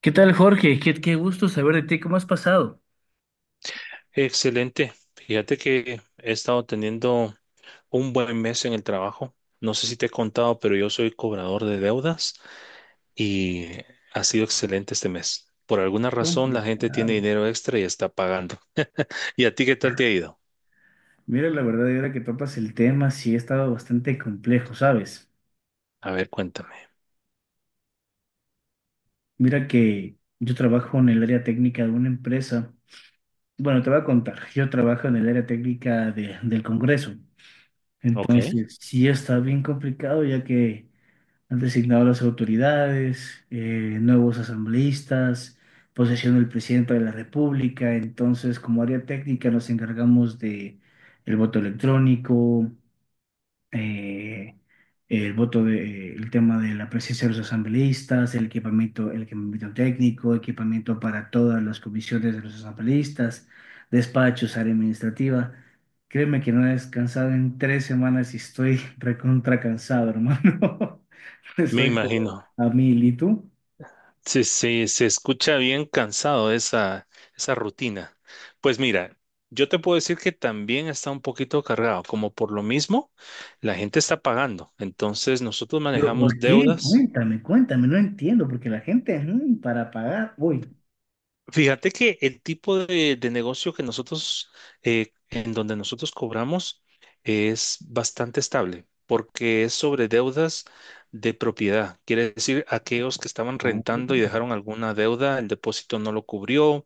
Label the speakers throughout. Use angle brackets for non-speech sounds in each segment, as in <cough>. Speaker 1: ¿Qué tal, Jorge? Qué gusto saber de ti. ¿Cómo has pasado?
Speaker 2: Excelente. Fíjate que he estado teniendo un buen mes en el trabajo. No sé si te he contado, pero yo soy cobrador de deudas y ha sido excelente este mes. Por alguna
Speaker 1: Qué
Speaker 2: razón la gente tiene
Speaker 1: complicado.
Speaker 2: dinero extra y está pagando. ¿Y a ti qué tal te ha ido?
Speaker 1: Mira, la verdad, y ahora que topas el tema, sí ha estado bastante complejo, ¿sabes?
Speaker 2: A ver, cuéntame.
Speaker 1: Mira que yo trabajo en el área técnica de una empresa. Bueno, te voy a contar, yo trabajo en el área técnica del Congreso.
Speaker 2: Ok.
Speaker 1: Entonces, sí está bien complicado, ya que han designado a las autoridades, nuevos asambleístas, posesión del presidente de la República. Entonces, como área técnica, nos encargamos de el voto electrónico, eh, el tema de la presencia de los asambleístas, el equipamiento técnico, equipamiento para todas las comisiones de los asambleístas, despachos, área administrativa. Créeme que no he descansado en 3 semanas y estoy <laughs> recontra cansado, hermano. <laughs>
Speaker 2: Me
Speaker 1: Estoy pero
Speaker 2: imagino.
Speaker 1: a mil, ¿y tú?
Speaker 2: Sí, sí, se escucha bien cansado esa, esa rutina. Pues mira, yo te puedo decir que también está un poquito cargado, como por lo mismo, la gente está pagando. Entonces nosotros
Speaker 1: Pero
Speaker 2: manejamos
Speaker 1: ¿por qué?
Speaker 2: deudas.
Speaker 1: Cuéntame, cuéntame, no entiendo, porque la gente, para pagar, uy.
Speaker 2: Fíjate que el tipo de negocio que nosotros, en donde nosotros cobramos, es bastante estable, porque es sobre deudas de propiedad. Quiere decir, aquellos que estaban
Speaker 1: Oh.
Speaker 2: rentando y dejaron alguna deuda, el depósito no lo cubrió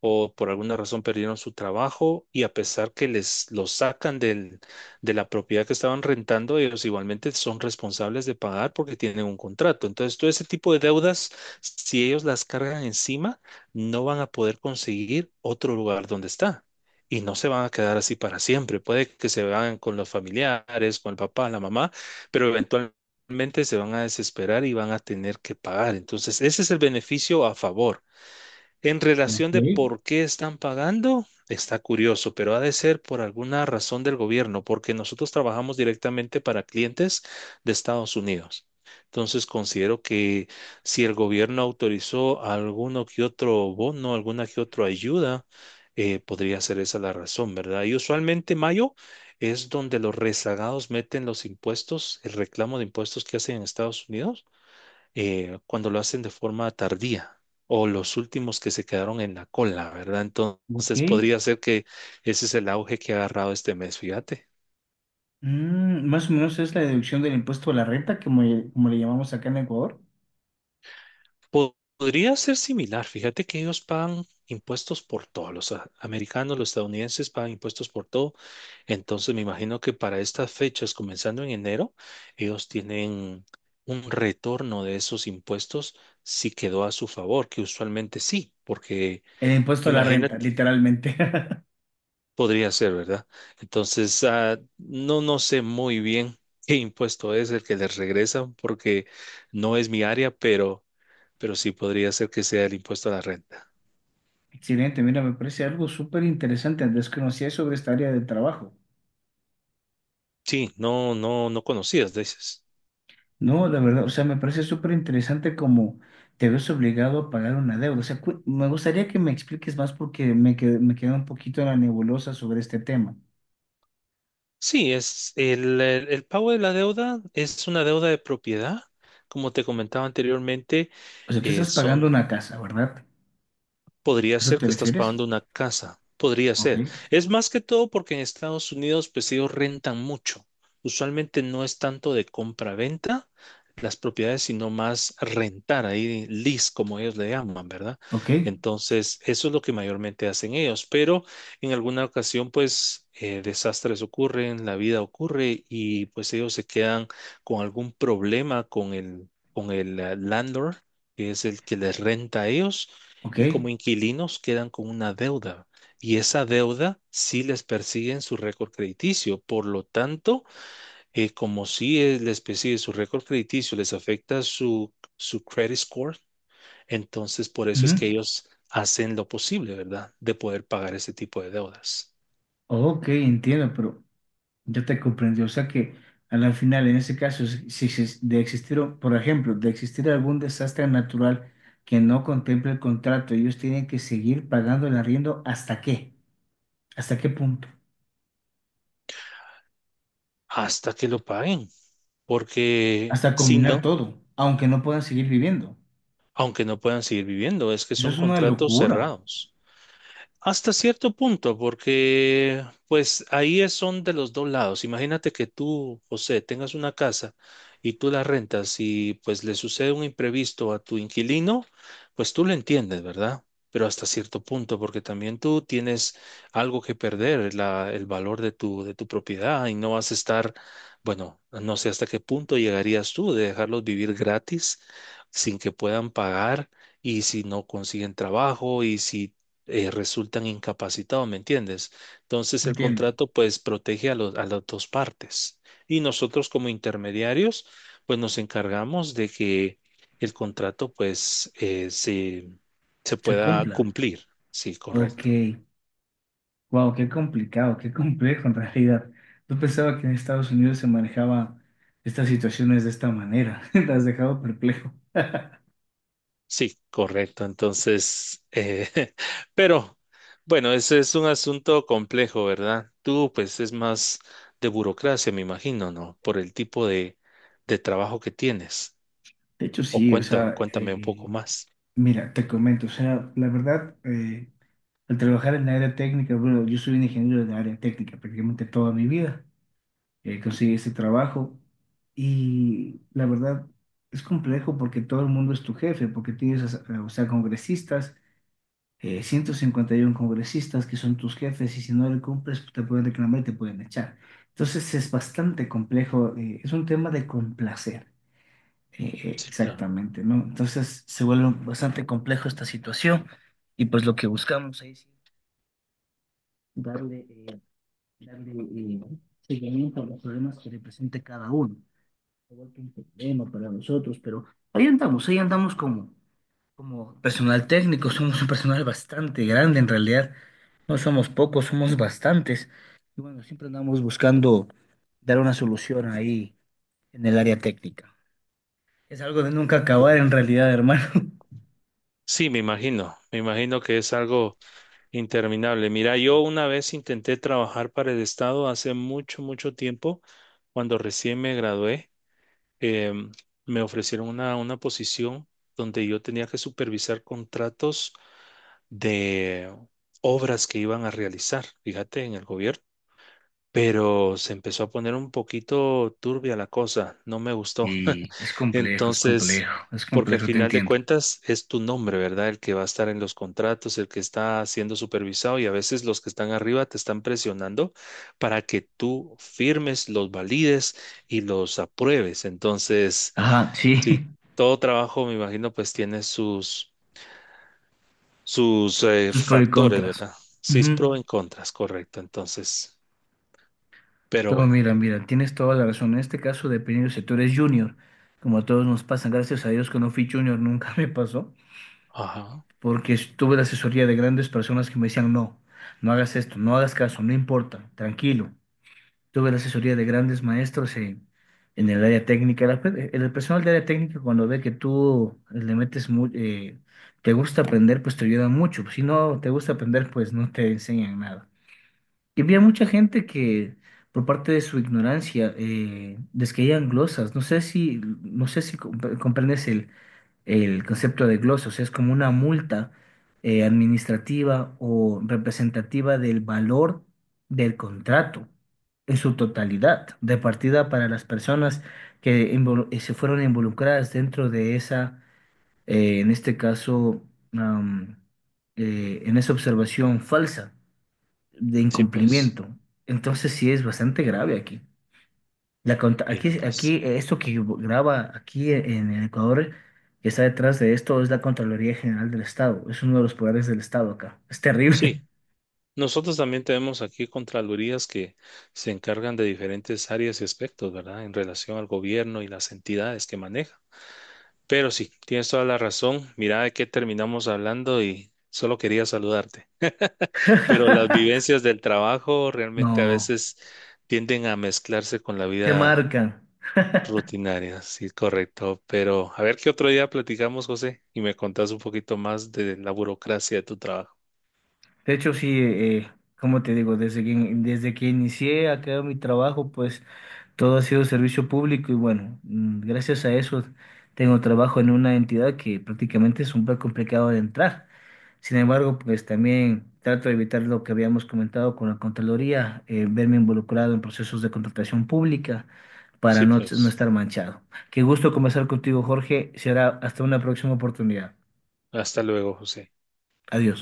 Speaker 2: o por alguna razón perdieron su trabajo y a pesar que les lo sacan de la propiedad que estaban rentando, ellos igualmente son responsables de pagar porque tienen un contrato. Entonces, todo ese tipo de deudas, si ellos las cargan encima, no van a poder conseguir otro lugar donde está. Y no se van a quedar así para siempre. Puede que se vayan con los familiares, con el papá, la mamá, pero eventualmente se van a desesperar y van a tener que pagar. Entonces, ese es el beneficio a favor. En
Speaker 1: Ok,
Speaker 2: relación de por qué están pagando, está curioso, pero ha de ser por alguna razón del gobierno, porque nosotros trabajamos directamente para clientes de Estados Unidos. Entonces considero que si el gobierno autorizó alguno que otro bono, alguna que otra ayuda, podría ser esa la razón, ¿verdad? Y usualmente mayo es donde los rezagados meten los impuestos, el reclamo de impuestos que hacen en Estados Unidos cuando lo hacen de forma tardía o los últimos que se quedaron en la cola, ¿verdad?
Speaker 1: ok.
Speaker 2: Entonces podría ser que ese es el auge que ha agarrado este mes, fíjate.
Speaker 1: Más o menos es la deducción del impuesto a la renta, como le llamamos acá en Ecuador.
Speaker 2: Podría ser similar, fíjate que ellos pagan impuestos por todo, los americanos, los estadounidenses pagan impuestos por todo, entonces me imagino que para estas fechas, comenzando en enero, ellos tienen un retorno de esos impuestos si quedó a su favor, que usualmente sí, porque...
Speaker 1: El impuesto a la
Speaker 2: imagínate.
Speaker 1: renta, literalmente. <laughs>
Speaker 2: Podría ser, ¿verdad? Entonces, ah, no, no sé muy bien <laughs> qué impuesto es el que les regresan porque no es mi área, pero sí podría ser que sea el impuesto a la renta.
Speaker 1: Excelente, mira, me parece algo súper interesante. Desconocía sobre esta área de trabajo.
Speaker 2: Sí, no, no, no conocías, dices.
Speaker 1: No, la verdad, o sea, me parece súper interesante como te ves obligado a pagar una deuda. O sea, me gustaría que me expliques más porque me queda un poquito en la nebulosa sobre este tema.
Speaker 2: Sí, es el pago de la deuda es una deuda de propiedad. Como te comentaba anteriormente,
Speaker 1: O sea, tú
Speaker 2: eh,
Speaker 1: estás pagando
Speaker 2: son
Speaker 1: una casa, ¿verdad?
Speaker 2: Podría
Speaker 1: ¿Eso
Speaker 2: ser
Speaker 1: te
Speaker 2: que estás
Speaker 1: refieres?
Speaker 2: pagando una casa, podría
Speaker 1: Ok,
Speaker 2: ser. Es más que todo porque en Estados Unidos, pues ellos rentan mucho. Usualmente no es tanto de compra-venta las propiedades, sino más rentar, ahí lease, como ellos le llaman, ¿verdad?
Speaker 1: ok,
Speaker 2: Entonces, eso es lo que mayormente hacen ellos, pero en alguna ocasión, pues, desastres ocurren, la vida ocurre y pues ellos se quedan con algún problema con el landlord, que es el que les renta a ellos
Speaker 1: ok.
Speaker 2: y como inquilinos quedan con una deuda y esa deuda sí les persigue en su récord crediticio. Por lo tanto, como sí les persigue su récord crediticio, les afecta su credit score, entonces por eso
Speaker 1: Ujú.
Speaker 2: es que ellos hacen lo posible, ¿verdad? De poder pagar ese tipo de deudas
Speaker 1: Ok, entiendo, pero ya te comprendí. O sea que a la final, en ese caso, si de existir, por ejemplo, de existir algún desastre natural que no contemple el contrato, ellos tienen que seguir pagando el arriendo hasta qué punto,
Speaker 2: hasta que lo paguen, porque
Speaker 1: hasta
Speaker 2: si
Speaker 1: combinar
Speaker 2: no,
Speaker 1: todo, aunque no puedan seguir viviendo.
Speaker 2: aunque no puedan seguir viviendo, es que
Speaker 1: Eso
Speaker 2: son
Speaker 1: es una
Speaker 2: contratos
Speaker 1: locura.
Speaker 2: cerrados. Hasta cierto punto, porque pues son de los dos lados. Imagínate que tú, José, tengas una casa y tú la rentas y pues le sucede un imprevisto a tu inquilino, pues tú lo entiendes, ¿verdad? Pero hasta cierto punto, porque también tú tienes algo que perder, el valor de tu propiedad y no vas a estar, bueno, no sé hasta qué punto llegarías tú de dejarlos vivir gratis sin que puedan pagar y si no consiguen trabajo y si resultan incapacitados, ¿me entiendes? Entonces el
Speaker 1: Entiendo.
Speaker 2: contrato pues protege a las dos partes y nosotros como intermediarios pues nos encargamos de que el contrato pues se
Speaker 1: Se
Speaker 2: pueda
Speaker 1: cumpla.
Speaker 2: cumplir. Sí,
Speaker 1: Ok,
Speaker 2: correcto.
Speaker 1: wow, qué complicado, qué complejo en realidad. Yo pensaba que en Estados Unidos se manejaba estas situaciones de esta manera. <laughs> Te has dejado perplejo.
Speaker 2: Sí, correcto. Entonces, <laughs> pero bueno, ese es un asunto complejo, ¿verdad? Tú pues es más de burocracia, me imagino, ¿no? Por el tipo de trabajo que tienes.
Speaker 1: De hecho,
Speaker 2: O
Speaker 1: sí, o
Speaker 2: cuenta,
Speaker 1: sea,
Speaker 2: cuéntame un poco más.
Speaker 1: mira, te comento, o sea, la verdad, al trabajar en la área técnica, bueno, yo soy un ingeniero de la área técnica prácticamente toda mi vida, conseguí ese trabajo y la verdad es complejo porque todo el mundo es tu jefe, porque tienes, o sea, congresistas, 151 congresistas que son tus jefes y si no le cumples te pueden reclamar y te pueden echar. Entonces es bastante complejo, es un tema de complacer. Eh,
Speaker 2: Sí, claro,
Speaker 1: exactamente, ¿no? Entonces se vuelve bastante complejo esta situación y pues lo que buscamos ahí sí, darle, eh, darle seguimiento a los problemas que represente cada uno. Se vuelve un problema para nosotros, pero ahí andamos como personal técnico, somos un personal bastante grande en realidad, no somos pocos, somos bastantes. Y bueno, siempre andamos buscando dar una solución ahí en el área técnica. Es algo de nunca acabar en
Speaker 2: correcto.
Speaker 1: realidad, hermano. <laughs>
Speaker 2: Sí, me imagino que es algo interminable. Mira, yo una vez intenté trabajar para el Estado hace mucho, mucho tiempo, cuando recién me gradué, em, me ofrecieron una posición donde yo tenía que supervisar contratos de obras que iban a realizar, fíjate, en el gobierno. Pero se empezó a poner un poquito turbia la cosa, no me gustó. <laughs>
Speaker 1: Y es complejo, es
Speaker 2: Entonces,
Speaker 1: complejo, es
Speaker 2: porque al
Speaker 1: complejo, te
Speaker 2: final de
Speaker 1: entiendo.
Speaker 2: cuentas es tu nombre, ¿verdad? El que va a estar en los contratos, el que está siendo supervisado y a veces los que están arriba te están presionando para que tú firmes, los valides y los apruebes. Entonces,
Speaker 1: Ajá, sí,
Speaker 2: si todo trabajo, me imagino, pues tiene sus, sus
Speaker 1: <laughs> sus pros y
Speaker 2: factores,
Speaker 1: contras.
Speaker 2: ¿verdad? Sí, es
Speaker 1: Ujú.
Speaker 2: pro en contras, correcto. Entonces, pero
Speaker 1: Todo,
Speaker 2: bueno.
Speaker 1: mira, mira, tienes toda la razón. En este caso, dependiendo si tú eres junior, como a todos nos pasan, gracias a Dios que no fui junior, nunca <laughs> me pasó,
Speaker 2: Ajá.
Speaker 1: porque tuve la asesoría de grandes personas que me decían, no, no hagas esto, no hagas caso, no importa, tranquilo. Tuve la asesoría de grandes maestros en el área técnica. El personal de área técnica, cuando ve que tú le metes te gusta aprender, pues te ayuda mucho. Si no te gusta aprender, pues no te enseñan nada. Y había mucha gente que, por parte de su ignorancia, les caían glosas. No sé si comprendes el concepto de glosa, o sea, es como una multa administrativa o representativa del valor del contrato en su totalidad, repartida para las personas que se fueron involucradas dentro de esa, en este caso, am, en esa observación falsa de
Speaker 2: Sí, pues,
Speaker 1: incumplimiento. Entonces sí es bastante grave aquí. La conta-
Speaker 2: mira,
Speaker 1: aquí, aquí,
Speaker 2: pues,
Speaker 1: eh, esto que graba aquí en Ecuador, que está detrás de esto, es la Contraloría General del Estado. Es uno de los poderes del Estado acá. Es
Speaker 2: sí,
Speaker 1: terrible.
Speaker 2: nosotros también tenemos aquí contralorías que se encargan de diferentes áreas y aspectos, ¿verdad? En relación al gobierno y las entidades que maneja. Pero sí, tienes toda la razón. Mira de qué terminamos hablando y solo quería saludarte. Pero las
Speaker 1: <laughs>
Speaker 2: vivencias del trabajo realmente a
Speaker 1: No,
Speaker 2: veces tienden a mezclarse con la
Speaker 1: te
Speaker 2: vida
Speaker 1: marcan.
Speaker 2: rutinaria, sí, correcto. Pero a ver qué otro día platicamos, José, y me contás un poquito más de la burocracia de tu trabajo.
Speaker 1: De hecho, sí, como te digo, desde que inicié acá mi trabajo, pues todo ha sido servicio público y bueno, gracias a eso tengo trabajo en una entidad que prácticamente es un poco complicado de entrar. Sin embargo, pues también trato de evitar lo que habíamos comentado con la Contraloría, verme involucrado en procesos de contratación pública para
Speaker 2: Sí,
Speaker 1: no, no
Speaker 2: pues.
Speaker 1: estar manchado. Qué gusto conversar contigo, Jorge. Será hasta una próxima oportunidad.
Speaker 2: Hasta luego, José.
Speaker 1: Adiós.